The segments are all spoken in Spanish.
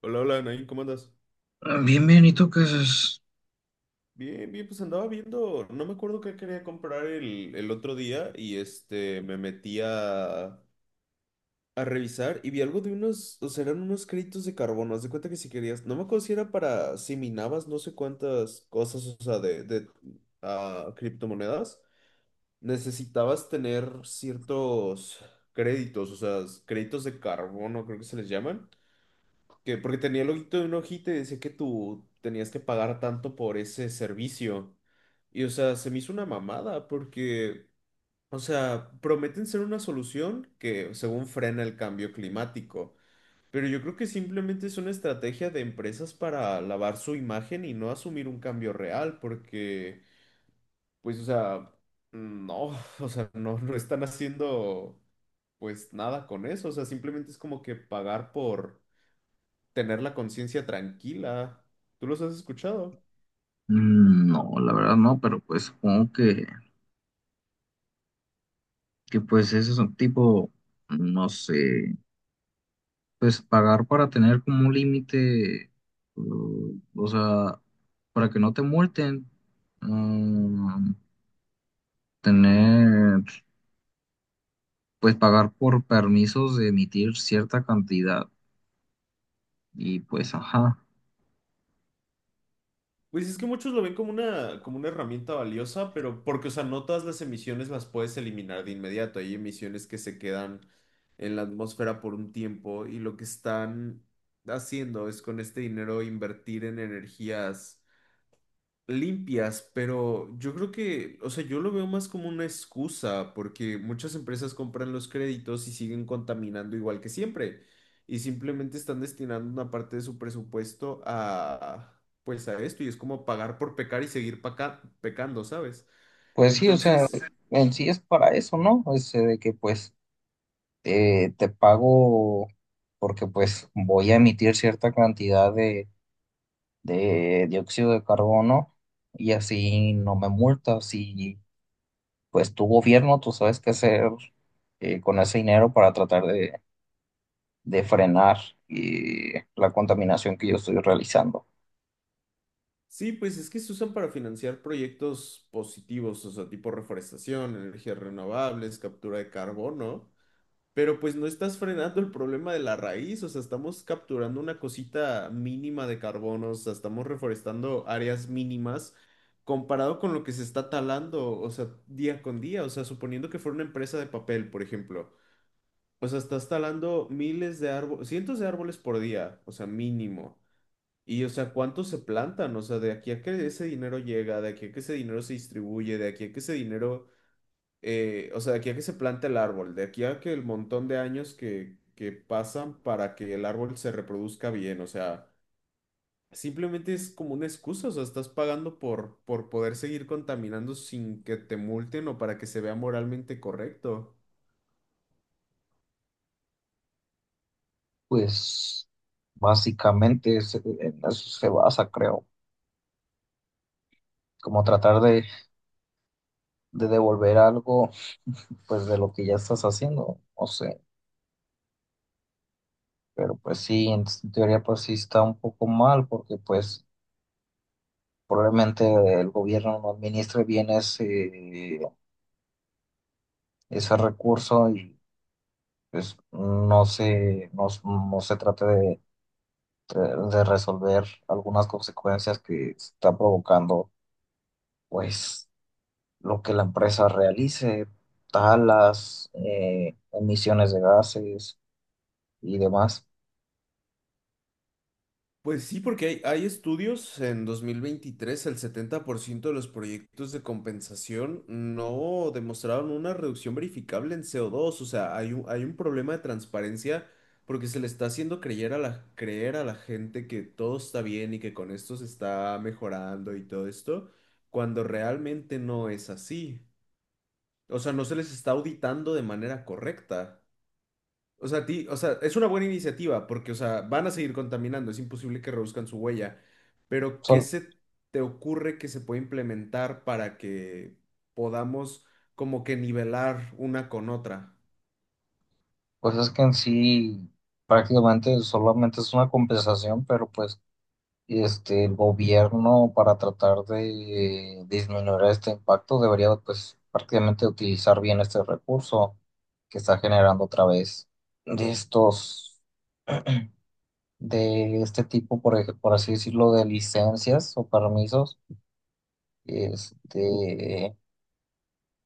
Hola, hola, Nain, ¿cómo andas? Bien, bien, ¿y tú qué haces? Bien, bien, pues andaba viendo, no me acuerdo qué quería comprar el otro día y este, me metí a revisar y vi algo de unos, o sea, eran unos créditos de carbono, haz de cuenta que si querías, no me acuerdo si era para, si minabas no sé cuántas cosas, o sea, de criptomonedas, necesitabas tener ciertos créditos, o sea, créditos de carbono, creo que se les llaman. Que porque tenía el loguito de una hojita y decía que tú tenías que pagar tanto por ese servicio. Y o sea, se me hizo una mamada porque, o sea, prometen ser una solución que según frena el cambio climático. Pero yo creo que simplemente es una estrategia de empresas para lavar su imagen y no asumir un cambio real, porque, pues, o sea, no, o sea, no, no están haciendo, pues, nada con eso. O sea, simplemente es como que pagar por tener la conciencia tranquila. ¿Tú los has escuchado? Mm, no, la verdad no, pero pues supongo que pues ese es un tipo, no sé, pues pagar para tener como un límite, o sea, para que no te multen, mm, tener, pues pagar por permisos de emitir cierta cantidad y pues, ajá. Pues es que muchos lo ven como como una herramienta valiosa, pero porque, o sea, no todas las emisiones las puedes eliminar de inmediato. Hay emisiones que se quedan en la atmósfera por un tiempo y lo que están haciendo es con este dinero invertir en energías limpias, pero yo creo que, o sea, yo lo veo más como una excusa, porque muchas empresas compran los créditos y siguen contaminando igual que siempre, y simplemente están destinando una parte de su presupuesto a, pues a esto, y es como pagar por pecar y seguir pecando, ¿sabes? Pues sí, o sea, Entonces, en sí es para eso, ¿no? Es de que pues te pago porque pues voy a emitir cierta cantidad de dióxido de carbono y así no me multas y pues tu gobierno, tú sabes qué hacer con ese dinero para tratar de frenar la contaminación que yo estoy realizando. sí, pues es que se usan para financiar proyectos positivos, o sea, tipo reforestación, energías renovables, captura de carbono. Pero pues no estás frenando el problema de la raíz, o sea, estamos capturando una cosita mínima de carbono, o sea, estamos reforestando áreas mínimas comparado con lo que se está talando, o sea, día con día, o sea, suponiendo que fuera una empresa de papel, por ejemplo, o sea, estás talando miles de árboles, cientos de árboles por día, o sea, mínimo. Y, o sea, ¿cuántos se plantan? O sea, de aquí a que ese dinero llega, de aquí a que ese dinero se distribuye, de aquí a que ese dinero o sea, de aquí a que se plante el árbol, de aquí a que el montón de años que pasan para que el árbol se reproduzca bien, o sea, simplemente es como una excusa, o sea, estás pagando por poder seguir contaminando sin que te multen o para que se vea moralmente correcto. Pues básicamente en eso se basa, creo, como tratar de devolver algo pues de lo que ya estás haciendo, no sé. Pero pues sí, en teoría pues sí está un poco mal porque pues probablemente el gobierno no administre bien ese recurso y pues no se, no, s- no se trate de resolver algunas consecuencias que está provocando pues lo que la empresa realice, talas, emisiones de gases y demás. Pues sí, porque hay estudios en 2023 el 70% de los proyectos de compensación no demostraron una reducción verificable en CO2. O sea, hay un problema de transparencia porque se le está haciendo creer creer a la gente que todo está bien y que con esto se está mejorando y todo esto, cuando realmente no es así. O sea, no se les está auditando de manera correcta. O sea, o sea, es una buena iniciativa porque, o sea, van a seguir contaminando, es imposible que reduzcan su huella, pero ¿qué Sol- se te ocurre que se puede implementar para que podamos como que nivelar una con otra? pues es que en sí prácticamente solamente es una compensación, pero pues este, el gobierno para tratar de disminuir este impacto debería pues prácticamente utilizar bien este recurso que está generando otra vez de estos, de este tipo, por, por así decirlo, de licencias o permisos, este,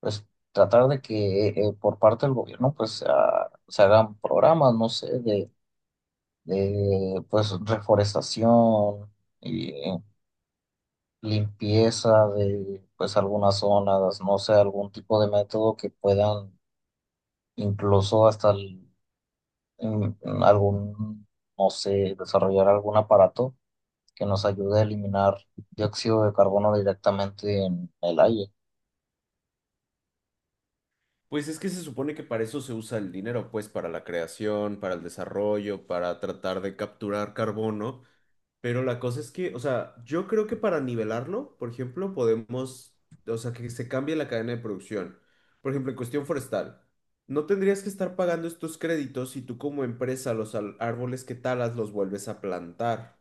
pues tratar de que por parte del gobierno pues se hagan programas, no sé, de pues reforestación limpieza de pues algunas zonas, no sé, algún tipo de método que puedan incluso hasta en algún, no sé, desarrollar algún aparato que nos ayude a eliminar dióxido de carbono directamente en el aire. Pues es que se supone que para eso se usa el dinero, pues para la creación, para el desarrollo, para tratar de capturar carbono. Pero la cosa es que, o sea, yo creo que para nivelarlo, por ejemplo, podemos, o sea, que se cambie la cadena de producción. Por ejemplo, en cuestión forestal, no tendrías que estar pagando estos créditos si tú como empresa los árboles que talas los vuelves a plantar.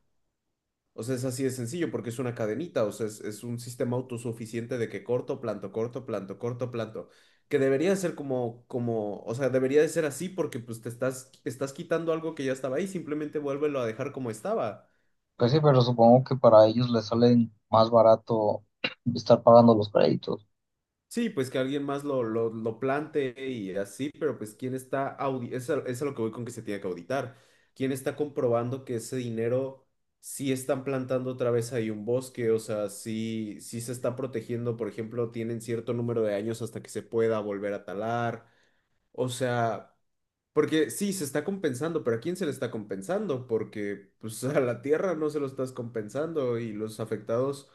O sea, es así de sencillo porque es una cadenita, o sea, es un sistema autosuficiente de que corto, planto, corto, planto, corto, planto. Que debería de ser como, o sea, debería de ser así porque pues te estás quitando algo que ya estaba ahí, simplemente vuélvelo a dejar como estaba. Pues sí, pero supongo que para ellos les sale más barato estar pagando los créditos. Sí, pues que alguien más lo plantee y así, pero pues quién está es a lo que voy con que se tiene que auditar. ¿Quién está comprobando que ese dinero sí están plantando otra vez ahí un bosque? O sea, sí, sí se está protegiendo, por ejemplo, tienen cierto número de años hasta que se pueda volver a talar. O sea, porque sí, se está compensando, pero ¿a quién se le está compensando? Porque pues a la Tierra no se lo estás compensando y los afectados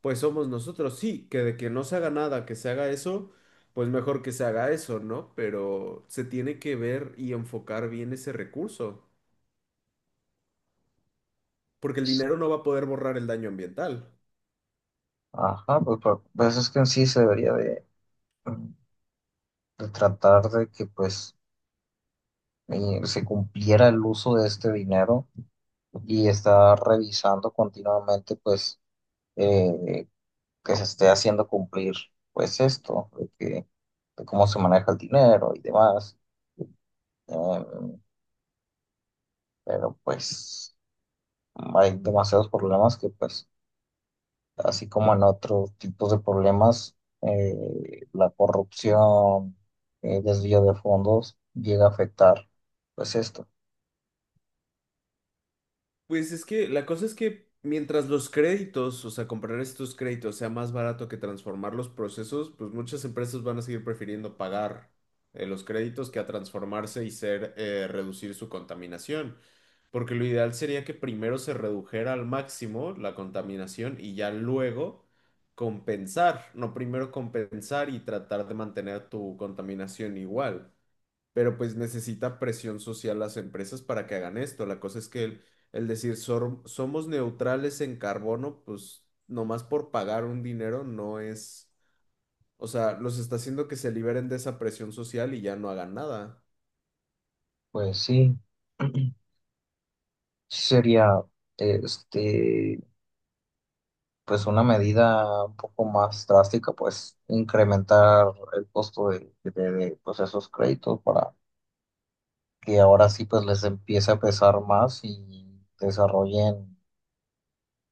pues somos nosotros. Sí, que de que no se haga nada, que se haga eso, pues mejor que se haga eso, ¿no? Pero se tiene que ver y enfocar bien ese recurso, porque el dinero no va a poder borrar el daño ambiental. Ajá, pues, pues es que en sí se debería de tratar de que pues se cumpliera el uso de este dinero y está revisando continuamente pues eh, que se esté haciendo cumplir pues esto, de que, de cómo se maneja el dinero y demás. Em, pero pues hay demasiados problemas que pues así como en otros tipos de problemas, la corrupción, el desvío de fondos llega a afectar pues esto. Pues es que la cosa es que mientras los créditos, o sea, comprar estos créditos sea más barato que transformar los procesos, pues muchas empresas van a seguir prefiriendo pagar los créditos que a transformarse y reducir su contaminación. Porque lo ideal sería que primero se redujera al máximo la contaminación y ya luego compensar, no primero compensar y tratar de mantener tu contaminación igual, pero pues necesita presión social las empresas para que hagan esto. La cosa es que el decir Somos neutrales en carbono", pues nomás por pagar un dinero no es, o sea, los está haciendo que se liberen de esa presión social y ya no hagan nada. Pues sí, sí sería este pues una medida un poco más drástica, pues incrementar el costo pues esos créditos para que ahora sí pues les empiece a pesar más y desarrollen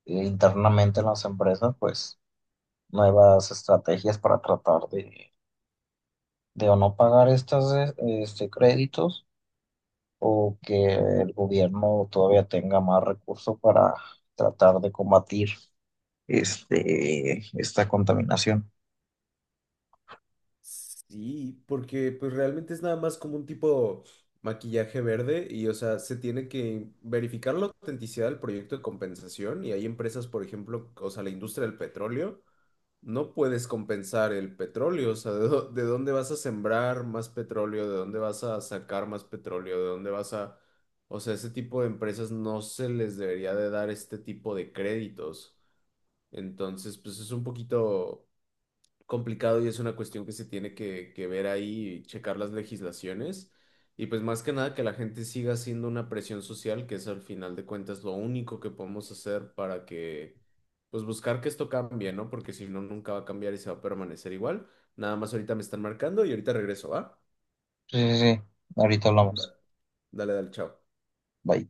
internamente en las empresas pues nuevas estrategias para tratar de o no pagar estas este, créditos o que el gobierno todavía tenga más recursos para tratar de combatir este, esta contaminación. Sí, porque pues realmente es nada más como un tipo maquillaje verde y o sea, se tiene que verificar la autenticidad del proyecto de compensación y hay empresas, por ejemplo, o sea, la industria del petróleo no puedes compensar el petróleo, o sea, ¿de dónde vas a sembrar más petróleo? ¿De dónde vas a sacar más petróleo? ¿De dónde vas a... O sea, ese tipo de empresas no se les debería de dar este tipo de créditos. Entonces, pues es un poquito complicado y es una cuestión que se tiene que ver ahí y checar las legislaciones. Y pues más que nada que la gente siga haciendo una presión social, que es al final de cuentas lo único que podemos hacer para que, pues buscar que esto cambie, ¿no? Porque si no, nunca va a cambiar y se va a permanecer igual. Nada más ahorita me están marcando y ahorita regreso, ¿va? Sí, sí, sí. Ahorita hablamos. Da- dale, dale, chao. Bye.